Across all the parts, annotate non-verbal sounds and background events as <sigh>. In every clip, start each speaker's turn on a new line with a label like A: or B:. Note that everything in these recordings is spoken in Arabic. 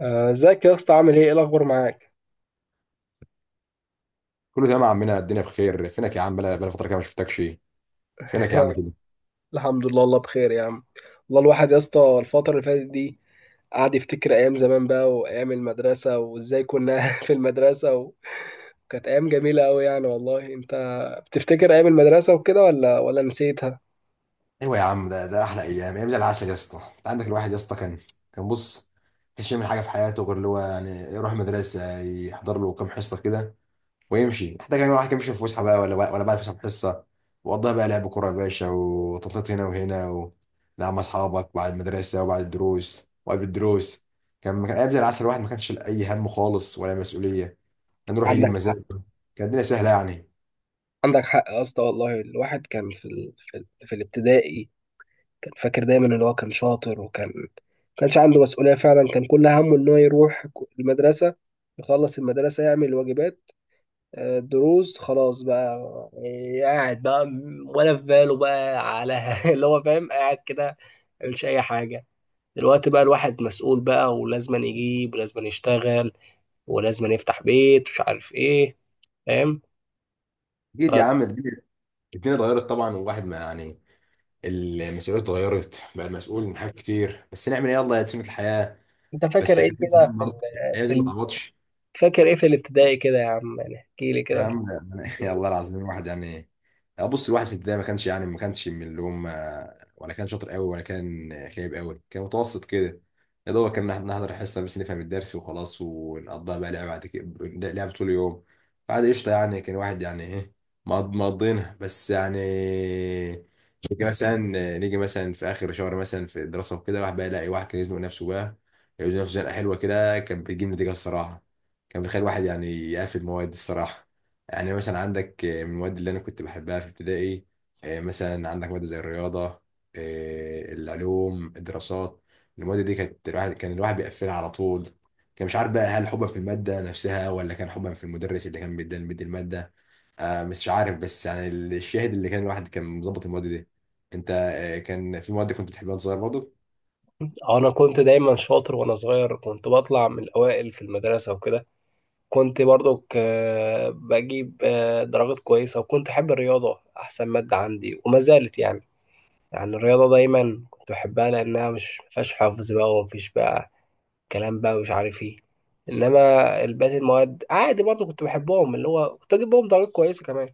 A: آه، ازيك يا اسطى عامل ايه الاخبار معاك.
B: كله تمام يا عمنا، الدنيا بخير. فينك يا عم؟ بلا فتره كده ما شفتكش. فينك يا عم
A: <laughs>
B: كده؟
A: الحمد لله الله بخير يا عم. والله الواحد يا اسطى الفتره اللي فاتت دي قعد يفتكر ايام زمان بقى وايام المدرسه وازاي كنا <laughs> في المدرسه، وكانت ايام جميله قوي يعني. والله انت بتفتكر ايام المدرسه وكده ولا نسيتها؟
B: ايوه يا عم، ده احلى ايام، ايام زي العسل يا اسطى. انت عندك الواحد يا اسطى كان كانش يعمل حاجه في حياته غير اللي هو يعني يروح مدرسه، يحضر له كام حصه كده ويمشي. حتى كان الواحد كان بيمشي في فسحه بقى ولا بعد فسحه بحصه، وقضاها بقى لعب كوره يا باشا، وتنطيط هنا وهنا لا مع اصحابك بعد المدرسه وبعد الدروس وقبل الدروس. كان ايام زي العسل، الواحد ما كانش له اي هم خالص ولا مسؤوليه، كان يروح يجيب
A: عندك حق.
B: مزاجه. كانت الدنيا سهله يعني.
A: عندك حق يا اسطى، والله الواحد كان في الابتدائي، كان فاكر دايما ان هو كان شاطر، وكان ما كانش عنده مسؤوليه فعلا. كان كل همه ان هو يروح المدرسه، يخلص المدرسه، يعمل واجبات، دروس، خلاص بقى. يعني قاعد بقى، ولا في باله بقى على <laughs> اللي هو فاهم، قاعد كده، مش اي حاجه. دلوقتي بقى الواحد مسؤول بقى، ولازم يجيب ولازم يشتغل ولازم يفتح بيت، مش عارف ايه. فاهم.
B: اكيد يا
A: طب
B: عم، الدنيا اتغيرت طبعا، والواحد ما يعني، المسؤوليات اتغيرت بقى، مسؤول من حاجات كتير، بس نعمل ايه؟ يلا يا سنة الحياه.
A: انت فاكر
B: بس
A: ايه
B: اكيد
A: كده
B: زمان برضه، الايام
A: في
B: دي ما
A: ال...
B: تعوضش.
A: فاكر ايه في الابتدائي كده يا عم؟ يعني احكي لي كده،
B: يا
A: انت
B: عم
A: كنت
B: <laughs> يا الله
A: إيه؟
B: العظيم، الواحد يعني ابص، الواحد في البدايه ما كانش يعني، ما كانش من اللي هم، ولا كان شاطر قوي، ولا كان خايب قوي، كان متوسط كده، يا دوبك كان نحضر الحصه بس نفهم الدرس وخلاص، ونقضيها بقى لعبه بعد كده، لعبه طول اليوم. بعد قشطه يعني، كان واحد يعني ايه، مقضينها بس يعني. نيجي مثلا نيجي مثلا في اخر شهر مثلا في الدراسه وكده، واحد بقى يلاقي واحد كان يزنق نفسه بقى، يزنق نفسه زنقه حلوه كده، كان بيجيب نتيجه الصراحه، كان بيخلي واحد يعني يقفل مواد الصراحه. يعني مثلا عندك، من المواد اللي انا كنت بحبها في ابتدائي، مثلا عندك ماده زي الرياضه، العلوم، الدراسات، المواد دي كانت الواحد كان الواحد بيقفلها على طول. كان مش عارف بقى هل حبا في الماده نفسها، ولا كان حبا في المدرس اللي كان بيدي الماده. مش عارف، بس يعني الشاهد اللي كان الواحد كان مظبط المواد دي. انت كان في مواد كنت بتحبها وانت صغير برضه؟
A: انا كنت دايما شاطر وانا صغير، كنت بطلع من الاوائل في المدرسه وكده. كنت برضو بجيب درجات كويسة، وكنت أحب الرياضة، أحسن مادة عندي وما زالت يعني. يعني الرياضة دايما كنت بحبها، لأنها مش مفيهاش حفظ بقى ومفيش بقى كلام بقى، مش عارف ايه. إنما الباقي المواد عادي برضو كنت بحبهم، اللي هو كنت أجيب بهم درجات كويسة كمان،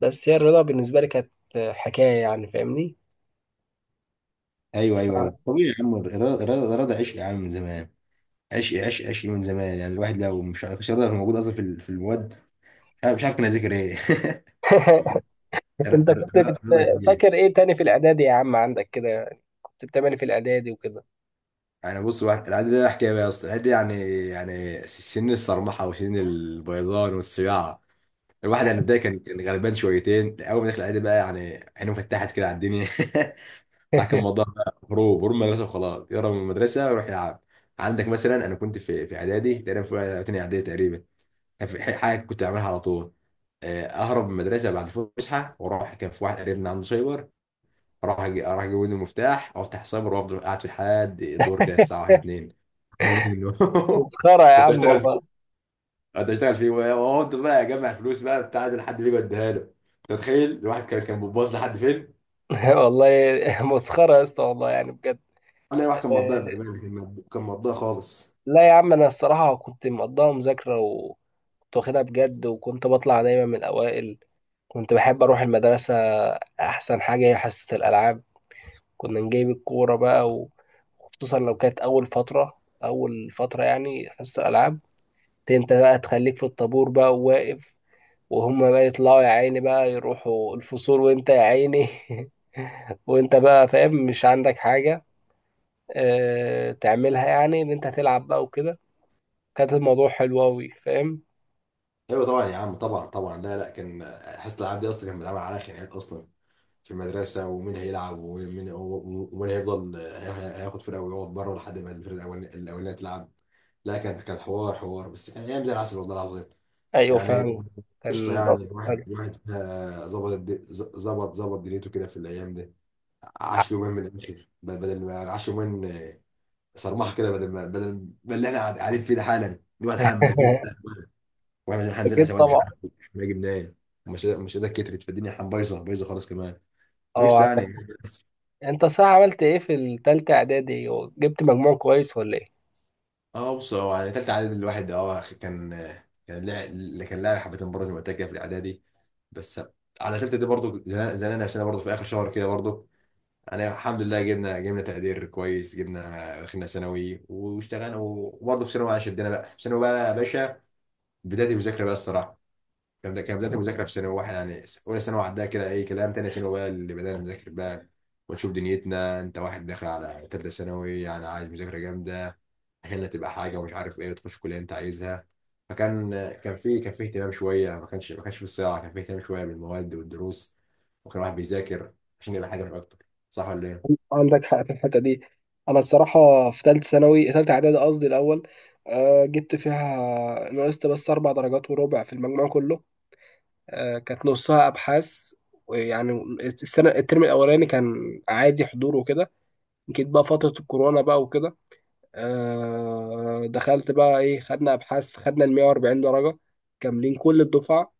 A: بس هي الرياضة بالنسبة لي كانت حكاية يعني، فاهمني؟
B: ايوه ايوه ايوه،
A: آه.
B: طبيعي يا عم، الرياضه، الرياضة عشق يا عم من زمان، عشق عشق عشق من زمان. يعني الواحد لو مش ما كانش رياضه موجود اصلا في المواد، انا مش عارف كان اذاكر ايه. <laughs>
A: <laughs> أنت كنت
B: رضا جميل.
A: فاكر إيه تاني في الإعدادي يا عم عندك كده؟ كنت بتعمل إيه في الإعدادي وكده؟
B: يعني بص العادي ده حكايه بقى يا اسطى، العادي ده يعني، يعني سن الصرمحه وسن البيضان والصياعه. الواحد يعني بداية كان غلبان شويتين، اول ما دخل العادي بقى، يعني عينه فتحت كده على الدنيا. <laughs> واحد كان
A: <laughs>
B: الموضوع بقى هروب، هروب من المدرسه وخلاص، يهرب من المدرسه ويروح يلعب. عندك مثلا، انا كنت في اعدادي تقريبا، في تانية اعدادي تقريبا، كان في حاجه كنت بعملها على طول. اهرب من المدرسه بعد الفسحه واروح. كان في واحد قريبنا عنده سايبر، اروح اجيب منه المفتاح، افتح سايبر وافضل قاعد فيه لحد الدور كده الساعه 1 2. ده واجب اليوم.
A: مسخرة
B: <laughs>
A: يا
B: كنت
A: عم
B: اشتغل فيه،
A: والله.
B: كنت اشتغل فيه وافضل بقى اجمع فلوس بقى بتاع ده لحد بيجي يديها له. انت متخيل الواحد كان بيباظ لحد فين؟
A: <laughs> والله مسخرة يا اسطى والله يعني بجد.
B: لا، الواحد كان مضيع
A: آه،
B: بأمانة، كان مضيع خالص.
A: لا يا عم، أنا الصراحة كنت مقضاها مذاكرة وكنت واخدها بجد، وكنت بطلع دايما من الأوائل. كنت بحب أروح المدرسة. أحسن حاجة هي حصة الألعاب، كنا نجيب الكورة بقى، وخصوصا لو كانت أول فترة. أول فترة يعني حصة الألعاب دي، أنت بقى تخليك في الطابور بقى وواقف، وهما بقى يطلعوا يا عيني بقى يروحوا الفصول وأنت يا عيني، <laughs> وأنت بقى فاهم مش عندك حاجة تعملها، يعني ان انت هتلعب بقى وكده. كانت الموضوع حلو قوي، فاهم.
B: ايوه طبعا يا عم، طبعا طبعا. لا لا، كان حاسس الالعاب دي اصلا كان بيتعمل عليها خناقات اصلا في المدرسه، ومين هيلعب ومين هيفضل هياخد فرقه ويقعد بره لحد ما الفرقه الاولانيه تلعب. لا كان حوار حوار، بس كان ايام زي العسل والله العظيم،
A: ايوه
B: يعني
A: فعلا، كان
B: قشطه يعني.
A: الموضوع
B: الواحد
A: حلو.
B: الواحد فيها ظبط الد- ز- ظبط ظبط دنيته كده في الايام دي، عاش يومين من الاخر، بدل ما يعني عاش يومين، صرمحه كده. بدل ما اللي احنا قاعدين فيه ده حالا، الواحد حالا مزنوق
A: <laughs>
B: كده، واحنا مش هنزل
A: اكيد
B: اسواد، مش
A: طبعا.
B: عارف نجيب منين. ومش مش ايدك كترت، فالدنيا حن، بايظه بايظه خالص كمان،
A: اه
B: قشطه يعني.
A: عندك. انت صح عملت ايه في التالتة اعدادي وجبت مجموع كويس ولا ايه؟
B: اه بص، هو يعني تالتة اعدادي، الواحد اه كان، كان لاعب اللي كان لاعب حبتين برضه زي ما قلت لك كده في الاعدادي، بس على تالتة دي برضه زنقنا نفسنا برضه في اخر شهر كده برضه، يعني الحمد لله جبنا تقدير كويس، جبنا دخلنا ثانوي واشتغلنا. وبرضه في ثانوي شدنا بقى، في ثانوي بقى يا باشا بداية المذاكرة بقى الصراحة. كان بداية المذاكرة في ثانوي واحد يعني، اولى ثانوي عدها كده اي كلام، تاني ثانوي بقى اللي بدأنا نذاكر بقى ونشوف دنيتنا. انت واحد داخل على تالتة ثانوي، يعني عايز مذاكرة جامدة هنا تبقى حاجه ومش عارف ايه، وتخش كليه انت عايزها. فكان كان في اهتمام شويه، ما كانش ما كانش في الصياعه، كان في اهتمام شويه بالمواد والدروس، وكان الواحد بيذاكر عشان يبقى حاجه مش اكتر. صح ولا ايه؟
A: عندك حق في الحته دي. انا الصراحه في ثالثه ثانوي، ثالثه اعدادي قصدي، الاول جبت فيها، نقصت بس 4 درجات وربع في المجموع كله. كانت نصها ابحاث، ويعني السنه، الترم الاولاني كان عادي حضور وكده. جيت بقى فترة الكورونا بقى وكده، دخلت بقى ايه، خدنا ابحاث فخدنا ال 140 درجة كاملين كل الدفعة.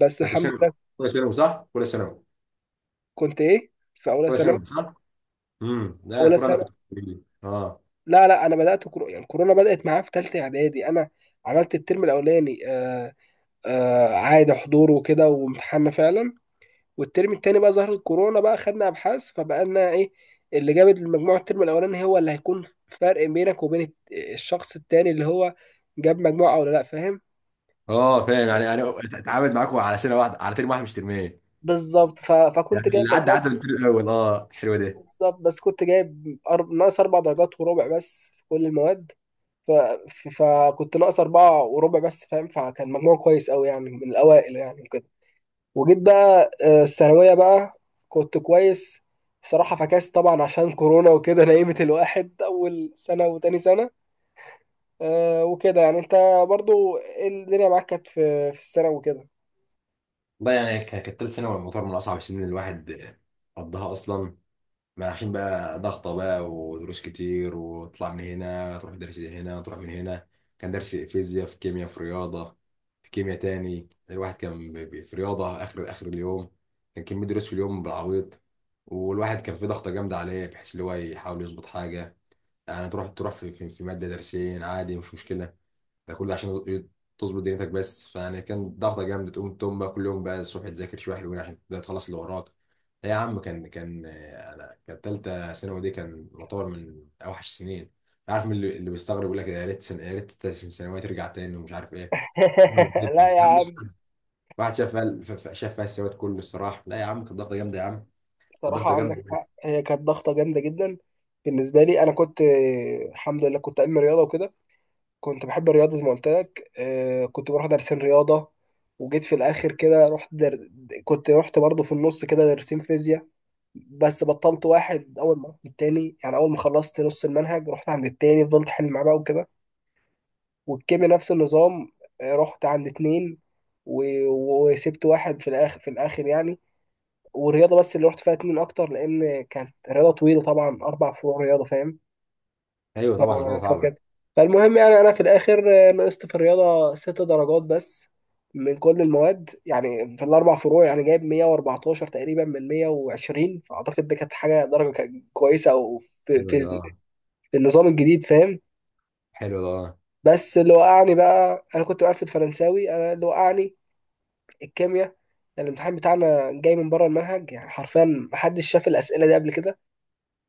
A: بس
B: انت في
A: الحمد
B: ثانوي
A: لله.
B: ولا ثانوي
A: كنت ايه في اولى
B: ولا
A: ثانوي،
B: ثانوي صح؟ لا
A: اولى
B: كوره، انا
A: سنة؟
B: كنت اه.
A: لا لا، انا بدأت يعني كورونا بدأت معايا في ثالثة اعدادي انا. عملت الترم الاولاني عادي حضور وكده، وامتحاننا فعلا، والترم التاني بقى ظهرت الكورونا بقى، خدنا ابحاث فبقى لنا ايه اللي جابت المجموع. الترم الاولاني هو اللي هيكون فرق بينك وبين الشخص التاني اللي هو جاب مجموعة او لا، فاهم.
B: اه فاهم، يعني اتعامل معاكم على سنه واحده، على ترم واحد مش ترمين.
A: بالظبط،
B: يعني
A: فكنت جايب
B: اللي عدى
A: مجموع.
B: عدى من الترم الاول. اه حلوه دي.
A: بالظبط بس كنت جايب ناقص 4 درجات وربع بس في كل المواد، فكنت ناقص 4 وربع بس، فاهم، فكان مجموع كويس أوي يعني، من الأوائل يعني وكده. وجيت بقى الثانوية بقى، كنت كويس صراحة، فكاس طبعا عشان كورونا وكده. <laughs> نيمت الواحد أول سنة وتاني سنة. وكده يعني. أنت برضو إيه الدنيا معاك كانت في في السنة وكده؟
B: والله يعني، كانت ثالث ثانوي يعتبر من اصعب السنين اللي الواحد قضاها اصلا، ما عشان بقى ضغطة بقى ودروس كتير، وتطلع من هنا تروح درس هنا، تروح من هنا، كان درس فيزياء، في كيمياء، في رياضة، في كيمياء تاني، الواحد كان في رياضة آخر آخر اليوم. كان كمية دروس في اليوم بالعويط، والواحد كان في ضغطة جامدة عليه، بحيث اللي هو يحاول يظبط حاجة يعني، تروح في مادة درسين عادي مش مشكلة، ده كله عشان تظبط دنيتك بس. فيعني كان ضغطة جامدة، تقوم بقى كل يوم بقى الصبح تذاكر شوية حلوين عشان ده تخلص اللي وراك. يا عم كان انا كانت تالتة ثانوي دي كان يعتبر من اوحش السنين. عارف، من اللي بيستغرب يقول لك يا ريت يا ريت تالتة ثانوي ترجع تاني ومش عارف ايه. أنا
A: <laughs>
B: بفضل،
A: لا يا
B: يا عم، بس
A: عم،
B: بفضل. واحد شاف فيها السواد كله الصراحة. لا يا عم، كانت ضغطة جامدة يا عم، كانت ضغطة
A: صراحة
B: جامدة.
A: عندك حق، هي كانت ضغطة جامدة جدا. بالنسبة لي أنا كنت الحمد لله كنت علم رياضة وكده. كنت بحب الرياضة زي ما قلت لك. كنت بروح دارسين رياضة، وجيت في الآخر كده رحت كنت رحت برضه في النص كده دارسين فيزياء. بس بطلت واحد أول ما رحت التاني، يعني أول ما خلصت نص المنهج رحت عند التاني، فضلت أحل معاه بقى وكده. والكيمياء نفس النظام. رحت عند اتنين و... وسبت واحد في الآخر، في الآخر يعني. والرياضه بس اللي رحت فيها اتنين اكتر، لان كانت رياضه طويله طبعا، اربع فروع رياضه، فاهم.
B: ايوه
A: ف-
B: طبعا، الموضوع صعبة.
A: فكانت، فالمهم يعني، انا في الاخر نقصت في الرياضه 6 درجات بس من كل المواد، يعني في الاربع فروع يعني جايب 114 تقريبا من 120، فاعتقد دي كانت حاجه، درجه كانت كويسه، او في,
B: حلوة
A: في,
B: ده اه.
A: في النظام الجديد، فاهم.
B: حلوة ده اه.
A: بس اللي وقعني بقى، انا كنت بقفل فرنساوي، انا اللي وقعني الكيمياء. يعني الامتحان بتاعنا جاي من بره المنهج يعني حرفيا، محدش شاف الاسئله دي قبل كده.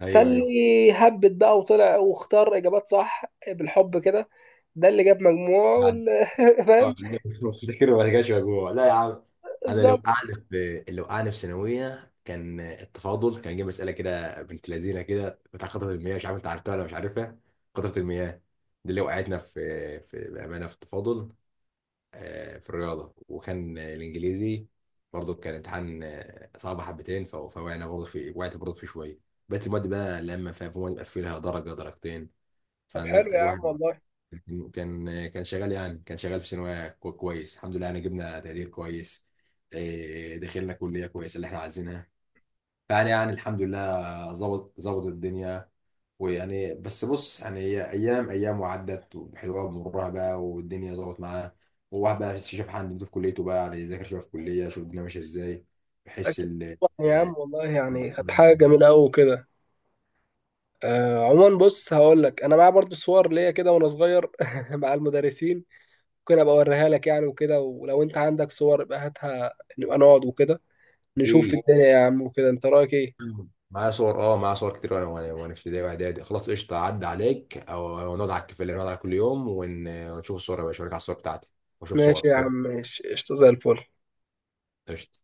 B: ايوه ايوه.
A: فاللي هبت بقى وطلع واختار اجابات صح بالحب كده، ده اللي جاب مجموع <laughs>
B: اه
A: فاهم.
B: لا، <laughs> افتكر ما رجعش مجموع، لا يا عم. انا لو
A: بالظبط.
B: وقعني في لو وقعني في ثانويه كان التفاضل، كان جه مساله كده بنت لذينه كده بتاع قطره المياه، مش عارف انت عرفتها ولا مش عارفها. قطره المياه دي اللي وقعتنا في بامانه في التفاضل، في الرياضه. وكان الانجليزي برضه كان امتحان صعب حبتين، فوقعنا برضه في، شويه. بقيت المواد بقى لما فيها، في مواد بقى فيها درجه درجتين،
A: طب حلو
B: فلا
A: يا عم
B: الواحد
A: والله.
B: كان شغال، يعني كان شغال في ثانوية كويس، الحمد لله. يعني جبنا تقدير كويس، دخلنا كلية كويسة اللي احنا عايزينها. فيعني يعني الحمد لله، ظبط الدنيا. ويعني بس بص يعني، هي أيام أيام وعدت وحلوة بمرها بقى، والدنيا ظبط معاه. وواحد بقى شاف حد في كليته بقى، يعني يذاكر شوية في كلية، شوف الدنيا ماشية ازاي، بحيث
A: اكيد
B: ال...
A: طبعاً يا عم والله يعني كانت حاجه جميله قوي كده. عموما، بص هقول لك، انا معايا برضو صور ليا كده وانا صغير <laughs> مع المدرسين. ممكن ابقى اوريها لك يعني وكده، ولو انت عندك صور يبقى هاتها نبقى نقعد وكده، نشوف
B: إيه،
A: الدنيا يا عم وكده. انت رايك ايه؟
B: مم. معايا صور، اه معايا صور كتير، وانا وانا وأنا في ابتدائي واعدادي. خلاص قشطه، عدى عليك او أو نقعد على الكافيه اللي نقعد على كل يوم، ونشوف الصور يا باشا، اوريك على الصور بتاعتي واشوف صور.
A: ماشي يا عم
B: تمام،
A: ماشي، قشطه زي الفل.
B: قشطه.